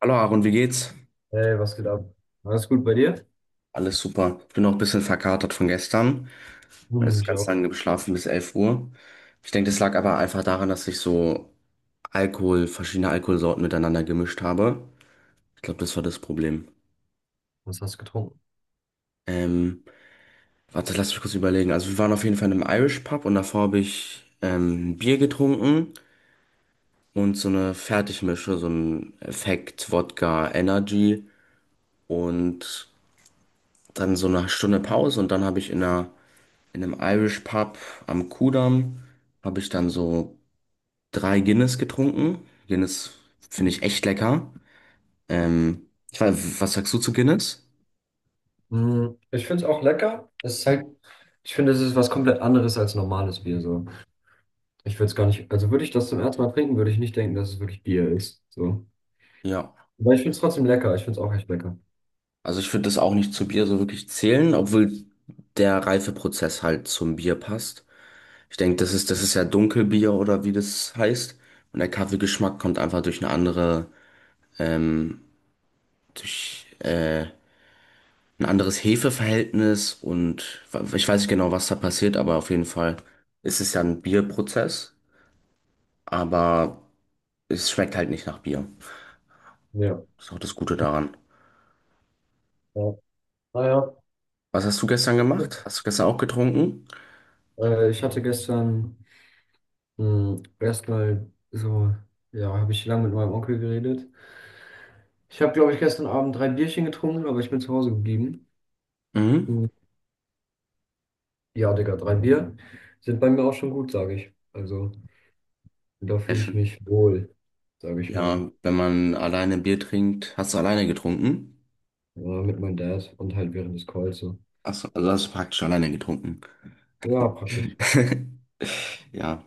Hallo Aaron, wie geht's? Hey, was geht ab? Alles gut bei dir? Alles super. Ich bin noch ein bisschen verkatert von gestern. Ich habe Hm, jetzt ich ganz auch. lange geschlafen bis 11 Uhr. Ich denke, das lag aber einfach daran, dass ich so Alkohol, verschiedene Alkoholsorten miteinander gemischt habe. Ich glaube, das war das Problem. Was hast du getrunken? Ähm, warte, lass mich kurz überlegen. Also wir waren auf jeden Fall in einem Irish Pub und davor habe ich ein Bier getrunken und so eine Fertigmische, so ein Effekt, Wodka, Energy und dann so eine Stunde Pause und dann habe ich in einem Irish Pub am Kudamm habe ich dann so drei Guinness getrunken. Guinness finde ich echt lecker. Ich weiß, was sagst du zu Guinness? Mm, ich finde es auch lecker. Es ist halt, ich finde, es ist was komplett anderes als normales Bier. So. Ich würde es gar nicht, also würde ich das zum ersten Mal trinken, würde ich nicht denken, dass es wirklich Bier ist. So. Ja, Aber ich finde es trotzdem lecker. Ich finde es auch echt lecker. also ich würde das auch nicht zu Bier so wirklich zählen, obwohl der Reifeprozess halt zum Bier passt. Ich denke, das ist ja Dunkelbier oder wie das heißt. Und der Kaffeegeschmack kommt einfach durch eine andere, ähm, durch ein anderes Hefeverhältnis und ich weiß nicht genau, was da passiert, aber auf jeden Fall ist es ja ein Bierprozess, aber es schmeckt halt nicht nach Bier. Ja. Das ist auch das Gute daran. Ja. Naja. Was hast du gestern gemacht? Hast du gestern auch getrunken? Ich hatte gestern mh, erstmal so, ja, habe ich lange mit meinem Onkel geredet. Ich habe, glaube ich, gestern Abend drei Bierchen getrunken, aber ich bin zu Hause geblieben. Mhm. Hm. Ja, Digga, drei Bier sind bei mir auch schon gut, sage ich. Also, da Sehr fühle ich schön. mich wohl, sage ich mal. Ja, wenn man alleine Bier trinkt, hast du alleine getrunken? Ja, mit meinem Dad und halt während des Calls so. Achso, also hast du praktisch alleine getrunken. Ja, praktisch. Ja.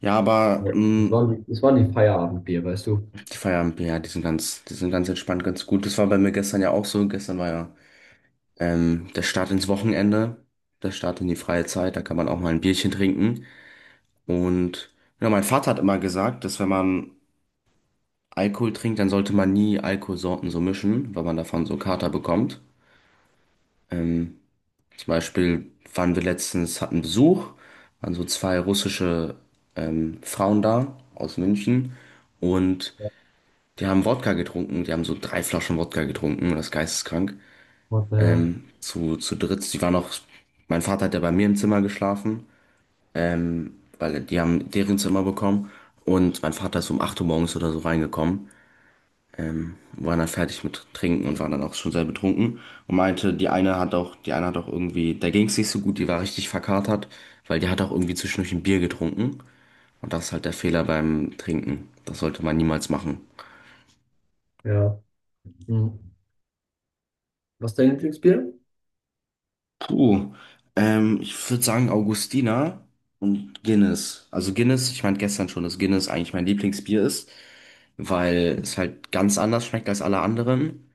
Ja, aber Ja. Das mh, waren, das waren die Feierabendbier, weißt du? die Feierabendbier, ja, die sind ganz entspannt, ganz gut. Das war bei mir gestern ja auch so. Gestern war ja der Start ins Wochenende, der Start in die freie Zeit, da kann man auch mal ein Bierchen trinken. Und ja, mein Vater hat immer gesagt, dass wenn man Alkohol trinkt, dann sollte man nie Alkoholsorten so mischen, weil man davon so Kater bekommt. Ähm, zum Beispiel waren wir letztens, hatten Besuch, waren so zwei russische Frauen da aus München und Ja. die haben Wodka getrunken, die haben so drei Flaschen Wodka getrunken, das ist geisteskrank. What the hell? Zu dritt, die waren auch, mein Vater hat ja bei mir im Zimmer geschlafen, weil die haben deren Zimmer bekommen und mein Vater ist um 8 Uhr morgens oder so reingekommen, war dann fertig mit Trinken und war dann auch schon sehr betrunken und meinte, die eine hat auch irgendwie, der ging es nicht so gut, die war richtig verkatert, weil die hat auch irgendwie zwischendurch ein Bier getrunken und das ist halt der Fehler beim Trinken. Das sollte man niemals machen. Ja. Hm. Was ist dein Lieblingsbier? Puh, ich würde sagen Augustiner und Guinness. Also Guinness, ich meinte gestern schon, dass Guinness eigentlich mein Lieblingsbier ist, weil es halt ganz anders schmeckt als alle anderen.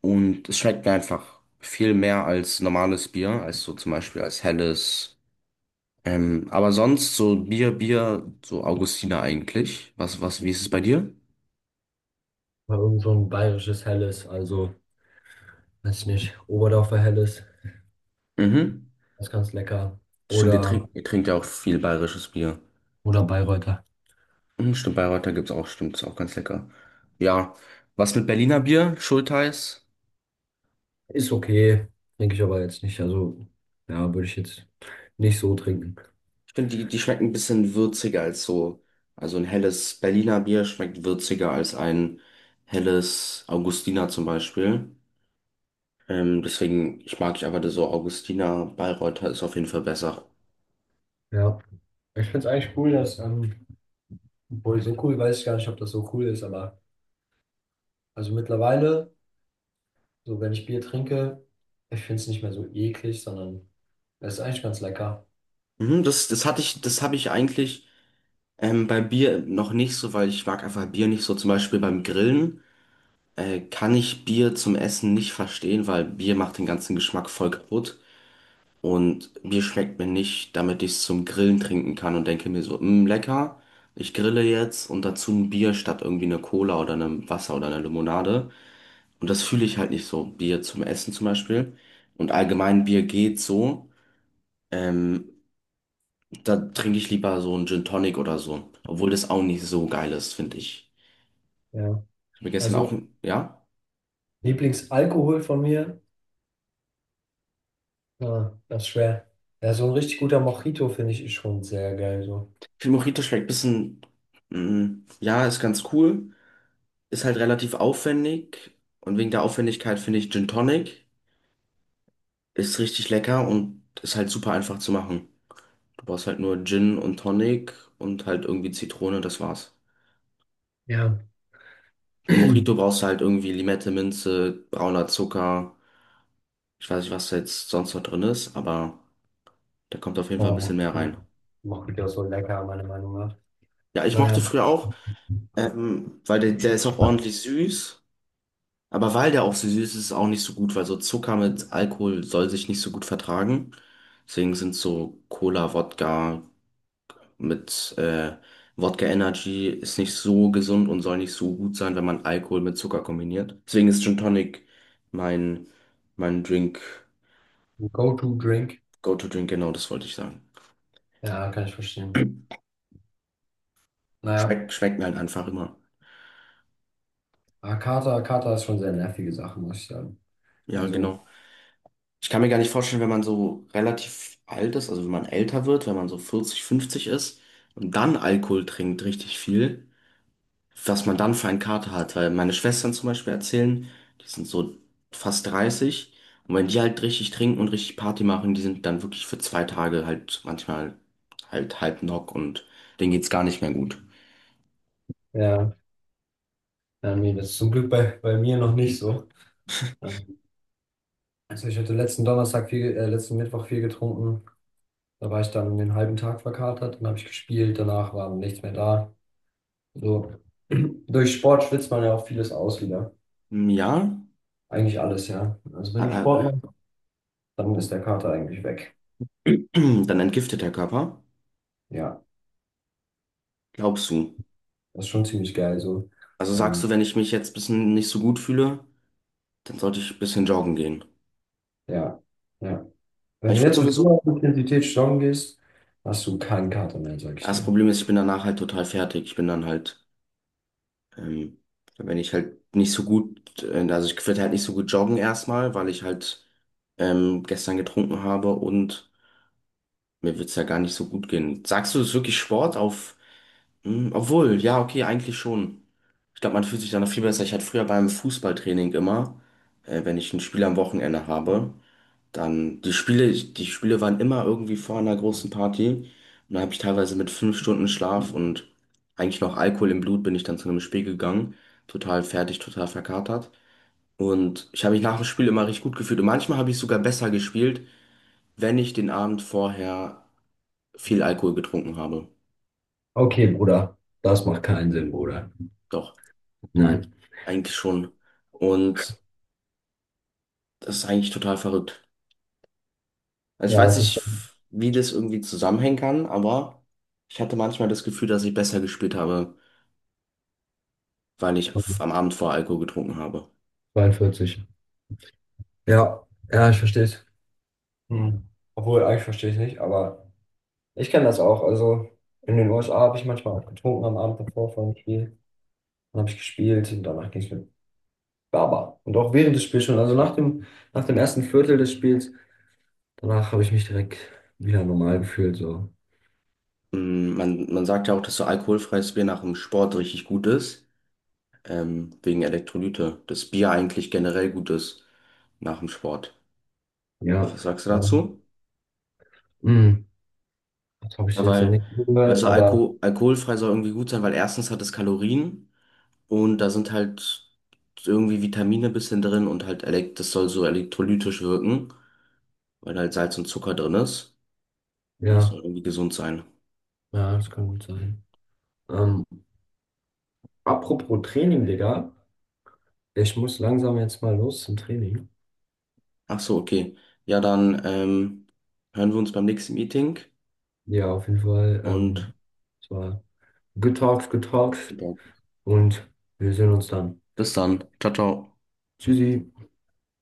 Und es schmeckt mir einfach viel mehr als normales Bier, als so zum Beispiel als helles. Aber sonst so so Augustiner eigentlich. Wie ist es bei dir? Mal irgend so ein bayerisches Helles, also, weiß ich nicht, Oberdorfer Helles, Mhm. das ist ganz lecker. Stimmt, ihr Oder, trinkt, ihr trinkt ja auch viel bayerisches Bier. oder Bayreuther. Mhm, stimmt, Bayreuther gibt's auch, stimmt, ist auch ganz lecker. Ja, was mit Berliner Bier? Schultheiß? Ist okay, denke ich aber jetzt nicht. Also, ja, würde ich jetzt nicht so trinken. Stimmt, die schmecken ein bisschen würziger als so. Also ein helles Berliner Bier schmeckt würziger als ein helles Augustiner zum Beispiel. Deswegen, ich mag ich aber das so Augustiner Bayreuther ist auf jeden Fall besser. Ja, ich finde es eigentlich cool, dass, obwohl so cool weiß ich gar nicht, ob das so cool ist, aber also mittlerweile, so wenn ich Bier trinke, ich finde es nicht mehr so eklig, sondern es ist eigentlich ganz lecker. Mhm, das habe ich eigentlich bei Bier noch nicht so, weil ich mag einfach Bier nicht so. Zum Beispiel beim Grillen kann ich Bier zum Essen nicht verstehen, weil Bier macht den ganzen Geschmack voll kaputt. Und Bier schmeckt mir nicht, damit ich es zum Grillen trinken kann und denke mir so, mh, lecker, ich grille jetzt und dazu ein Bier statt irgendwie eine Cola oder einem Wasser oder einer Limonade. Und das fühle ich halt nicht so. Bier zum Essen zum Beispiel. Und allgemein Bier geht so. Ähm, da trinke ich lieber so einen Gin Tonic oder so. Obwohl das auch nicht so geil ist, finde ich. Ja, Ich habe mir gestern auch, also ja. Lieblingsalkohol von mir, ja, das ist schwer. Ja, so ein richtig guter Mojito finde ich schon sehr geil, so. Ich finde Mojito schmeckt ein bisschen, ja, ist ganz cool. Ist halt relativ aufwendig. Und wegen der Aufwendigkeit finde ich Gin Tonic ist richtig lecker und ist halt super einfach zu machen. Du brauchst halt nur Gin und Tonic und halt irgendwie Zitrone, das war's. Ja. Für Mojito brauchst du halt irgendwie Limette, Minze, brauner Zucker. Ich weiß nicht, was da jetzt sonst noch drin ist, aber da kommt auf jeden Fall ein Oh, bisschen mehr rein. Mojito. Mojito ist so lecker, meiner Meinung nach. Ja, ich Naja. mochte früher auch, weil der ist auch ordentlich süß. Aber weil der auch so süß ist, ist es auch nicht so gut, weil so Zucker mit Alkohol soll sich nicht so gut vertragen. Deswegen sind so Cola, Wodka mit Wodka Energy ist nicht so gesund und soll nicht so gut sein, wenn man Alkohol mit Zucker kombiniert. Deswegen ist Gin Tonic mein, mein Drink. Go-to-Drink. Go-to-Drink, genau, das wollte ich sagen. Ja, kann ich verstehen. Naja, Schmeckt mir halt einfach immer. Hakata, Hakata ist schon sehr nervige Sache, muss ich sagen. Ja, Also, genau. Ich kann mir gar nicht vorstellen, wenn man so relativ alt ist, also wenn man älter wird, wenn man so 40, 50 ist und dann Alkohol trinkt, richtig viel, was man dann für einen Kater hat. Weil meine Schwestern zum Beispiel erzählen, die sind so fast 30 und wenn die halt richtig trinken und richtig Party machen, die sind dann wirklich für 2 Tage halt manchmal halt halb knock und denen geht's gar nicht mehr gut. ja, ja, nee, das ist zum Glück bei mir noch nicht so. Ja. Also ich hatte letzten Donnerstag viel, letzten Mittwoch viel getrunken. Da war ich dann den halben Tag verkatert, dann habe ich gespielt, danach war nichts mehr da. So. Durch Sport schwitzt man ja auch vieles aus wieder. Hm, ja, Eigentlich alles, ja. Also wenn du aber Sport machst, dann ist der Kater eigentlich weg. dann entgiftet der Körper. Ja, Glaubst du? das ist schon ziemlich geil so. Also sagst du, Ähm, wenn ich mich jetzt ein bisschen nicht so gut fühle, dann sollte ich ein bisschen joggen gehen. ja, ja. Ja, Wenn du ich würde jetzt mit sowieso. hoher Intensität joggen gehst, hast du keinen Kater mehr, sag Ja, ich das dir. Problem ist, ich bin danach halt total fertig. Ich bin dann halt, ähm, wenn ich halt nicht so gut, also ich würde halt nicht so gut joggen erstmal, weil ich halt gestern getrunken habe und mir wird's ja gar nicht so gut gehen. Sagst du, es ist wirklich Sport auf, obwohl, ja, okay, eigentlich schon. Ich glaube, man fühlt sich dann noch viel besser. Ich hatte früher beim Fußballtraining immer, wenn ich ein Spiel am Wochenende habe. Dann die Spiele waren immer irgendwie vor einer großen Party. Und da habe ich teilweise mit 5 Stunden Schlaf und eigentlich noch Alkohol im Blut bin ich dann zu einem Spiel gegangen. Total fertig, total verkatert. Und ich habe mich nach dem Spiel immer richtig gut gefühlt. Und manchmal habe ich sogar besser gespielt, wenn ich den Abend vorher viel Alkohol getrunken habe. Okay, Bruder, das macht keinen Sinn, Bruder. Doch, Nein. eigentlich schon. Und das ist eigentlich total verrückt. Also ich Ja, weiß nicht, sicher. wie das irgendwie zusammenhängen kann, aber ich hatte manchmal das Gefühl, dass ich besser gespielt habe, weil ich am Abend vorher Alkohol getrunken habe. 42. Ja, ja, ich verstehe es. Hm. Obwohl, eigentlich verstehe ich nicht, aber ich kenne das auch. Also in den USA habe ich manchmal auch getrunken am Abend davor vor dem Spiel. Dann habe ich gespielt und danach ging es mir Baba. Und auch während des Spiels schon, also nach dem ersten Viertel des Spiels, danach habe ich mich direkt wieder normal gefühlt. So. Man sagt ja auch, dass so alkoholfreies Bier nach dem Sport richtig gut ist, wegen Elektrolyte. Dass Bier eigentlich generell gut ist nach dem Sport. Was Ja. sagst du Ja. dazu? Hm, das habe ich Ja, jetzt noch weil, nicht weil gehört, so aber alkoholfrei soll irgendwie gut sein, weil erstens hat es Kalorien und da sind halt irgendwie Vitamine ein bisschen drin und halt elek das soll so elektrolytisch wirken, weil halt Salz und Zucker drin ist und es ja, soll irgendwie gesund sein. ja, das kann gut sein. Ähm, apropos Training, Digga. Ich muss langsam jetzt mal los zum Training. Ach so, okay. Ja, dann hören wir uns beim nächsten Meeting Ja, auf jeden Fall. Und Es war good talks, und wir sehen uns dann. bis dann. Ciao, ciao. Tschüssi.